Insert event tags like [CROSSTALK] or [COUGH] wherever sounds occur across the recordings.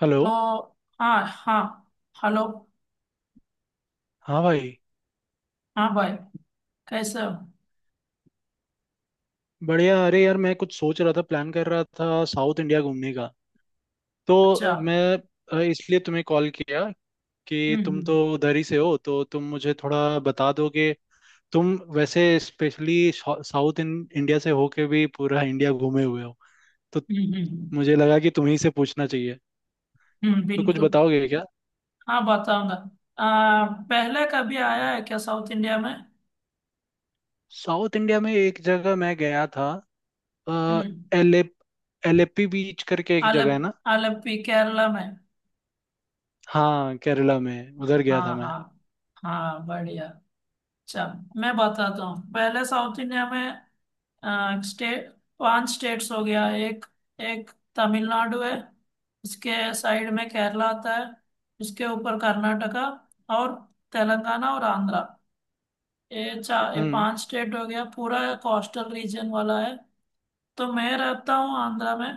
Hello. तो, हाँ हाँ। हेलो। हाँ भाई। हाँ भाई, कैसे हो? बढ़िया। अरे यार, मैं कुछ सोच रहा था, प्लान कर रहा था साउथ इंडिया घूमने का। तो अच्छा। मैं इसलिए तुम्हें कॉल किया कि हम्म। तुम तो हम्म। उधर ही से हो, तो तुम मुझे थोड़ा बता दोगे। तुम वैसे स्पेशली साउथ इंडिया से होके भी पूरा इंडिया घूमे हुए हो, तो हम्म। हम्म। हम्म। मुझे लगा कि तुम्ही से पूछना चाहिए। हम्म। तो कुछ बिल्कुल। बताओगे क्या। हाँ, बताऊंगा। पहले कभी आया है क्या साउथ इंडिया में? साउथ इंडिया में एक जगह मैं गया था। हम्म। एले एलेपी बीच करके एक आलप जगह है ना। आलप्पी केरला में। हाँ, केरला में उधर गया था हाँ मैं। हाँ। हाँ बढ़िया। अच्छा। मैं बताता हूँ, पहले साउथ इंडिया में स्टेट, पांच स्टेट्स हो गया। एक, एक तमिलनाडु है। इसके साइड में केरला आता है। इसके ऊपर कर्नाटका और तेलंगाना और आंध्रा। ये चार, ये हम्म पांच स्टेट हो गया, पूरा कोस्टल रीजन वाला है। तो मैं रहता हूँ आंध्रा में।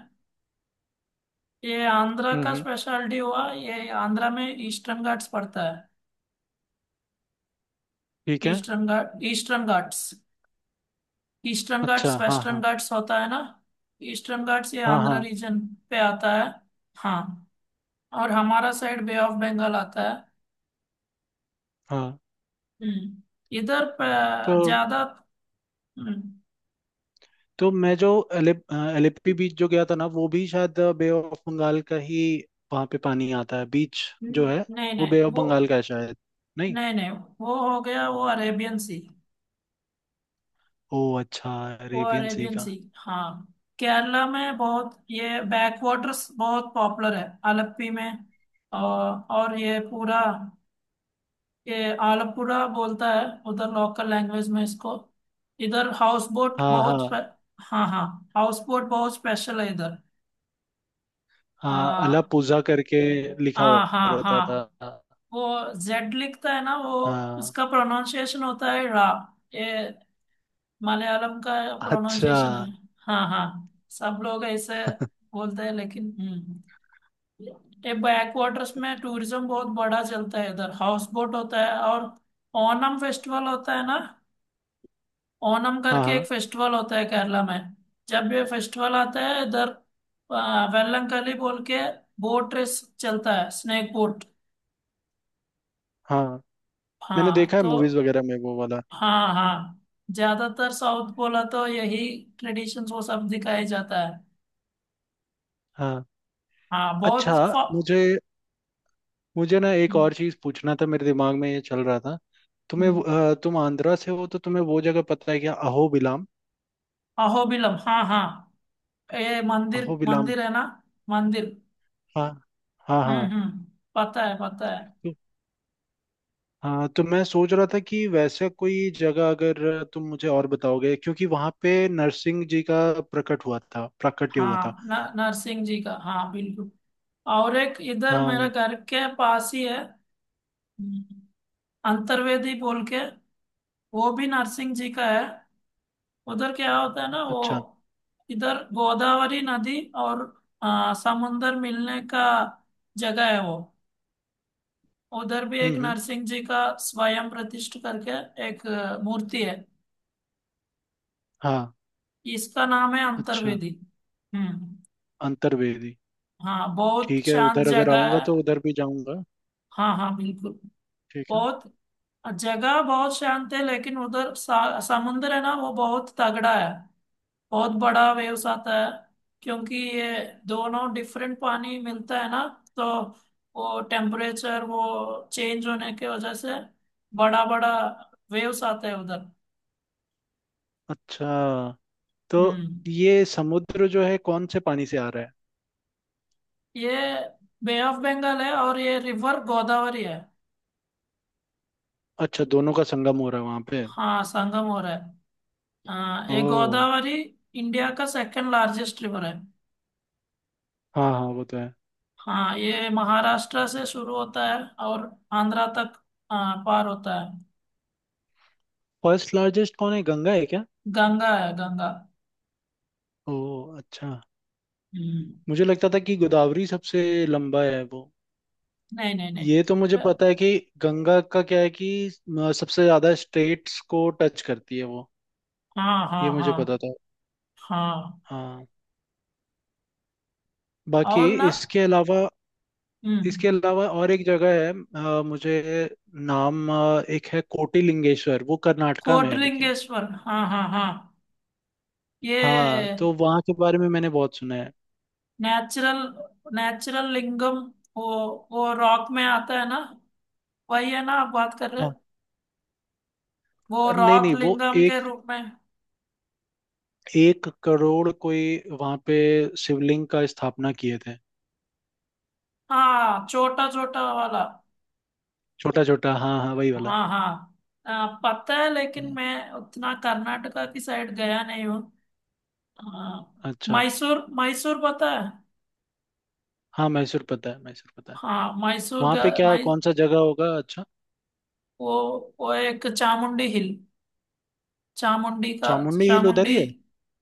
ये आंध्रा हम्म का हम्म, स्पेशलिटी हुआ, ये आंध्रा में ईस्टर्न घाट्स पड़ता है। ठीक है। ईस्टर्न घाट्स। ईस्टर्न अच्छा, घाट्स हाँ वेस्टर्न हाँ। घाट्स होता है ना। ईस्टर्न घाट्स ये हाँ आंध्रा हाँ। रीजन पे आता है। हाँ। और हमारा साइड बे ऑफ बंगाल आता है। हाँ। हम्म। इधर तो ज्यादा। हम्म। मैं जो एलेप एलेप्पी बीच जो गया था ना, वो भी शायद बे ऑफ बंगाल का ही। वहां पे पानी आता है बीच जो है, नहीं वो बे नहीं ऑफ वो। बंगाल का है शायद। नहीं। नहीं नहीं, वो हो गया वो अरेबियन सी। ओ अच्छा। वो अरेबियन सी अरेबियन का। सी, हाँ। केरला में बहुत ये बैक वाटर्स बहुत पॉपुलर है आलप्पी में। और ये पूरा ये आलपुरा बोलता है उधर लोकल लैंग्वेज में इसको। इधर हाउस बोट हाँ बहुत हाँ हाँ हाँ। हाउस बोट बहुत स्पेशल है इधर। हाँ। आ, अलापुजा करके आ, लिखा हुआ हाँ रहता था। हाँ। वो जेड लिखता है ना वो, हाँ। उसका प्रोनाउंसिएशन होता है रा। ये मलयालम का अच्छा। प्रोनाउंसिएशन है। हाँ हाँ। सब लोग ऐसे बोलते हैं लेकिन, हम्म। ये बैक वाटर्स में टूरिज्म बहुत बड़ा चलता है, इधर हाउस बोट होता है और ओनम फेस्टिवल होता है ना। ओनम हाँ करके एक हाँ फेस्टिवल होता है केरला में। जब ये फेस्टिवल आता है इधर वेलंकली बोल के बोट रेस चलता है, स्नेक बोट। हाँ। मैंने हाँ देखा है तो, मूवीज वगैरह में वो वाला। हाँ हाँ, ज्यादातर साउथ बोला तो यही ट्रेडिशन वो सब दिखाया जाता है। हाँ। हाँ, अच्छा। बहुत मुझे मुझे ना एक हम्म। और चीज पूछना था, मेरे दिमाग में ये चल रहा था। हम्म। तुम आंध्रा से हो तो तुम्हें वो जगह पता है क्या, अहोबिलाम। अहोबिलम, हाँ हाँ। ये मंदिर अहोबिलाम, मंदिर है ना। मंदिर। हाँ हाँ हम्म। हाँ। हम्म। पता है, पता है। तो- हाँ तो मैं सोच रहा था कि वैसा कोई जगह अगर तुम मुझे और बताओगे, क्योंकि वहां पे नरसिंह जी का प्रकट हुआ था, प्राकट्य हुआ था। हाँ, न, नरसिंह जी का, हाँ बिल्कुल। और एक इधर हाँ। मेरे घर के पास ही है। हम्म। अंतर्वेदी बोल के, वो भी नरसिंह जी का है। उधर क्या होता है ना, वो अच्छा। इधर गोदावरी नदी और समुंदर मिलने का जगह है वो। उधर भी एक हम्म। नरसिंह जी का स्वयं प्रतिष्ठ करके एक मूर्ति है। हाँ। इसका नाम है अच्छा। अंतर्वेदी। हम्म। अंतर्वेदी। हाँ, बहुत ठीक है, शांत उधर अगर जगह आऊंगा है। तो उधर भी जाऊंगा। हाँ हाँ, बिल्कुल। ठीक है। बहुत जगह बहुत शांत है लेकिन उधर समुंदर है ना वो बहुत तगड़ा है। बहुत बड़ा वेव्स आता है क्योंकि ये दोनों डिफरेंट पानी मिलता है ना। तो वो टेम्परेचर वो चेंज होने के वजह से बड़ा बड़ा वेव्स आते हैं उधर। अच्छा। तो हम्म। ये समुद्र जो है कौन से पानी से आ रहा है। ये बे ऑफ बंगाल है और ये रिवर गोदावरी है। अच्छा, दोनों का संगम हो रहा है वहां पे। हाँ, संगम हो रहा है। हाँ, ये ओ। गोदावरी इंडिया का सेकंड लार्जेस्ट रिवर है। हाँ हाँ वो तो है। हाँ, ये महाराष्ट्र से शुरू होता है और आंध्रा तक, हाँ, पार होता है। फर्स्ट लार्जेस्ट कौन है, गंगा है क्या। गंगा है गंगा। ओ। अच्छा। हम्म। मुझे लगता था कि गोदावरी सबसे लंबा है वो। नहीं नहीं नहीं। ये तो मुझे ब- पता है कि गंगा का क्या है कि सबसे ज्यादा स्टेट्स को टच करती है वो। हाँ हाँ ये मुझे हाँ पता था। हाँ। हाँ। बाकी और ना। इसके अलावा, हम्म। और एक जगह है मुझे नाम एक है कोटिलिंगेश्वर, वो कर्नाटका में है लेकिन। कोटलिंगेश्वर हाँ हाँ हाँ। हाँ ये तो वहाँ के बारे में मैंने बहुत सुना नेचुरल नेचुरल लिंगम, वो वो रॉक में आता है ना। वही है ना आप बात कर रहे है। हैं? वो नहीं रॉक नहीं वो लिंगम के एक रूप में। 1 करोड़ कोई वहां पे शिवलिंग का स्थापना किए थे। हाँ छोटा छोटा वाला। छोटा छोटा, हाँ हाँ वही वाला। हाँ हाँ। पता है लेकिन मैं उतना कर्नाटका की साइड गया नहीं हूँ। हाँ। अच्छा। मैसूर मैसूर पता है। हाँ मैसूर पता है, मैसूर पता है। हाँ, मैसूर वहां पे गया। क्या, कौन सा जगह होगा अच्छा। वो एक चामुंडी हिल। चामुंडी का चामुंडी हिल उधर चामुंडी। ही है।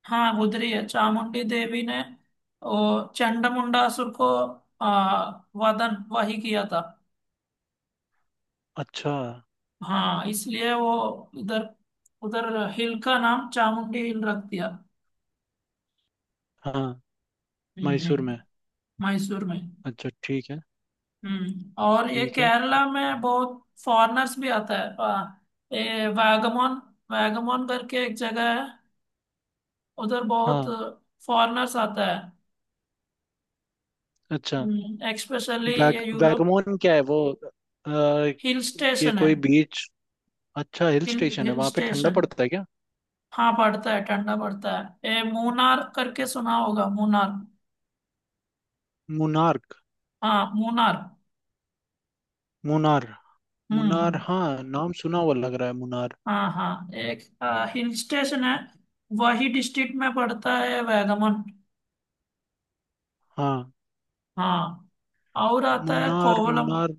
हाँ गुजरी है चामुंडी देवी ने, वो चंडमुंडा असुर को आ, वदन वही किया था। अच्छा। हाँ, इसलिए वो इधर उधर हिल का नाम चामुंडी हिल रख दिया। हाँ। हम्म। मैसूर में। मैसूर में। अच्छा ठीक है। हम्म। और ये ठीक है। केरला में बहुत फॉरेनर्स भी आता है ये वागमोन। वागमोन करके एक जगह है, उधर बहुत हाँ। फॉरेनर्स आता है, अच्छा। एक्सपेशली ये यूरोप। वैगमोन क्या है वो। अ, हिल ये स्टेशन है। कोई बीच। अच्छा, हिल हिल स्टेशन है, हिल वहां पे ठंडा स्टेशन। पड़ता है क्या। हाँ पड़ता है, ठंडा पड़ता है। ये मुनार करके सुना होगा? मुनार। मुनार्क। हाँ मुनार। मुनार। मुनार हम्म। हाँ, नाम सुना हुआ लग रहा है मुनार। हाँ हाँ, एक हिल स्टेशन है। वही डिस्ट्रिक्ट में पड़ता है वैगमन। हाँ। हाँ। और आता है मुन्नार कोवलम। मुन्नार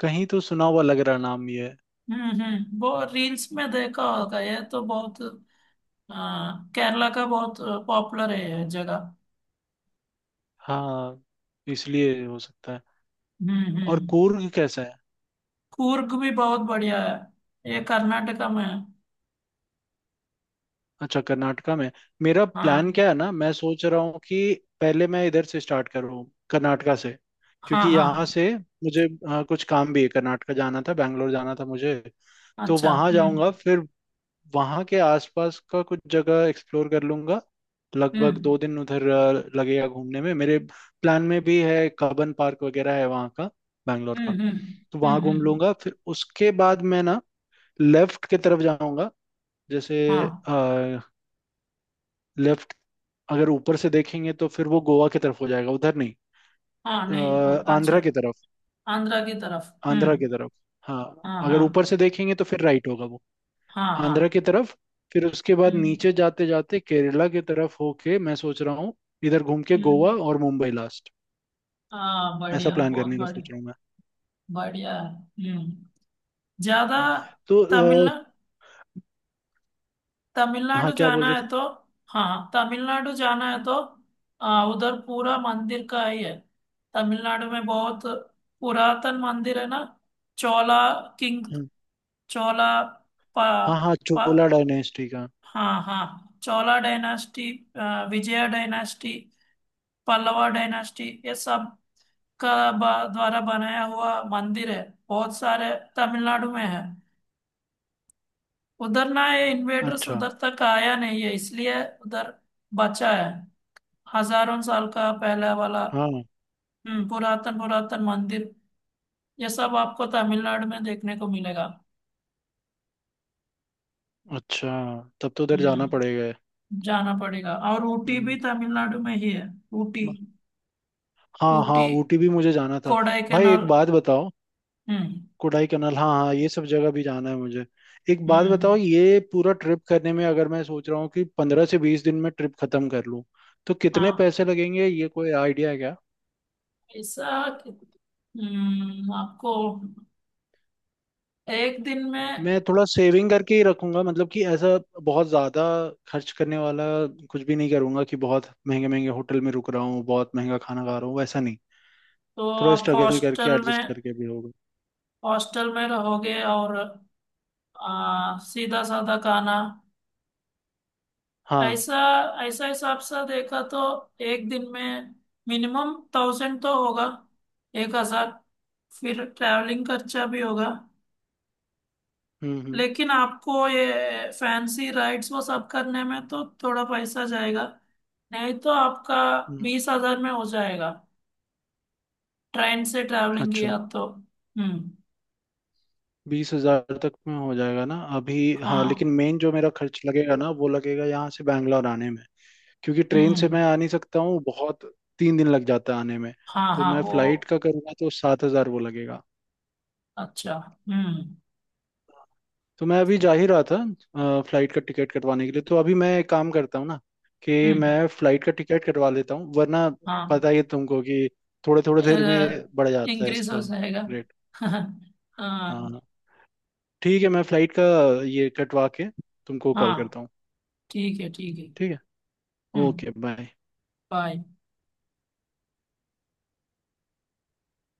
कहीं तो सुना हुआ लग रहा नाम ये। हम्म। हम्म। वो रील्स में देखा होगा। ये तो बहुत केरला का बहुत पॉपुलर है ये जगह। हाँ, इसलिए हो सकता है। हम्म। और हम्म। कूर्ग कैसा है। कूर्ग भी बहुत बढ़िया है, ये कर्नाटका में है। अच्छा, कर्नाटका में। मेरा प्लान हाँ क्या है ना, मैं सोच रहा हूँ कि पहले मैं इधर से स्टार्ट करूँ, कर्नाटका से। हाँ क्योंकि हाँ। यहाँ से मुझे कुछ काम भी है, कर्नाटका जाना था, बैंगलोर जाना था मुझे। तो अच्छा। वहां जाऊंगा, हम्म। फिर वहाँ के आसपास का कुछ जगह एक्सप्लोर कर लूंगा। लगभग हम्म। 2 दिन उधर लगेगा घूमने में मेरे। प्लान में भी है कबन पार्क वगैरह है वहाँ का, बैंगलोर का। हम्म। हम्म। तो हम्म। वहाँ घूम हम्म। लूंगा। फिर उसके बाद मैं ना लेफ्ट की तरफ जाऊंगा, जैसे हाँ लेफ्ट। अगर ऊपर से देखेंगे तो फिर वो गोवा की तरफ हो जाएगा उधर, नहीं हाँ। नहीं अच्छा। आंध्रा की तरफ। आंध्रा की तरफ। आंध्रा हम्म। की तरफ। हाँ, हाँ हाँ अगर ऊपर से देखेंगे तो फिर राइट होगा वो। हाँ हाँ। आंध्रा की तरफ। फिर उसके बाद हम्म। नीचे जाते जाते केरला की तरफ होके मैं सोच रहा हूँ, इधर घूम के हम्म। गोवा और मुंबई लास्ट। हाँ ऐसा बढ़िया, प्लान बहुत करने का बढ़िया। सोच रहा हूँ मैं। बढ़िया है। हम्म। ज्यादा हम्म, तो अ, तमिलनाडु। हाँ तमिलनाडु क्या बोल जाना रहे है थे। तो। हाँ तमिलनाडु जाना है तो उधर पूरा मंदिर का ही है। तमिलनाडु में बहुत पुरातन मंदिर है ना। चोला किंग। हम्म, चोला पा, हाँ हाँ, चोला पा, डायनेस्टी का। हाँ हाँ Chola dynasty, Vijay dynasty, Pallava dynasty ये सब का द्वारा बनाया हुआ मंदिर है। बहुत सारे तमिलनाडु में है। उधर ना ये इन्वेडर्स अच्छा। उधर तक आया नहीं है, इसलिए उधर बचा है, हजारों साल का पहला वाला। हाँ। हम्म। पुरातन पुरातन मंदिर, ये सब आपको तमिलनाडु में देखने को मिलेगा। अच्छा, तब तो उधर जाना हम्म। पड़ेगा। जाना पड़ेगा। और ऊटी भी हम्म, तमिलनाडु में ही है। ऊटी। ब- हाँ हाँ ऊटी। ऊटी भी मुझे जाना था। भाई एक कोडाईकनाल। बात बताओ। हम्म। कोडाईकनाल, हाँ हाँ ये सब जगह भी जाना है मुझे। एक बात बताओ, हम्म। ये पूरा ट्रिप करने में अगर मैं सोच रहा हूँ कि 15 से 20 दिन में ट्रिप खत्म कर लूँ तो कितने हाँ। पैसे लगेंगे, ये कोई आइडिया है क्या। ऐसा हम्म, आपको एक दिन में। मैं थोड़ा सेविंग करके ही रखूंगा, मतलब कि ऐसा बहुत ज्यादा खर्च करने वाला कुछ भी नहीं करूंगा कि बहुत महंगे महंगे होटल में रुक रहा हूँ, बहुत महंगा खाना खा रहा हूँ, वैसा नहीं। तो थोड़ा आप स्ट्रगल करके हॉस्टल एडजस्ट में करके भी होगा। हॉस्टल में रहोगे और सीधा साधा खाना। हाँ। ऐसा, ऐसा हिसाब से देखा तो एक दिन में मिनिमम 1,000 तो होगा, 1,000। फिर ट्रैवलिंग खर्चा भी होगा। हम्म हम्म लेकिन आपको ये फैंसी राइड्स वो सब करने में तो थोड़ा पैसा जाएगा। नहीं तो आपका हम्म, 20,000 में हो जाएगा, ट्रेन से ट्रैवलिंग अच्छा। किया तो। हम्म। 20 हजार तक में हो जाएगा ना अभी। हाँ हाँ। लेकिन मेन जो मेरा खर्च लगेगा ना वो लगेगा यहाँ से बैंगलोर आने में। क्योंकि ट्रेन से मैं हम्म। आ नहीं सकता हूँ, बहुत 3 दिन लग जाता है आने में। हाँ तो हाँ मैं वो। फ्लाइट का करूँगा तो 7 हजार वो लगेगा। अच्छा। हम्म। तो मैं अभी जा ही रहा था फ्लाइट का टिकट कटवाने के लिए, तो अभी मैं एक काम करता हूँ ना कि हम्म। मैं फ्लाइट का टिकट कटवा लेता हूँ, वरना हाँ, पता ही है तुमको कि थोड़े थोड़े देर में बढ़ जाता है इंक्रीज हो इसका जाएगा। रेट। [LAUGHS] हाँ। हाँ। ठीक है, मैं फ्लाइट का ये कटवा के तुमको कॉल हाँ। करता हूँ। ठीक है, ठीक है। ठीक है। ओके हम्म। बाय। बाय।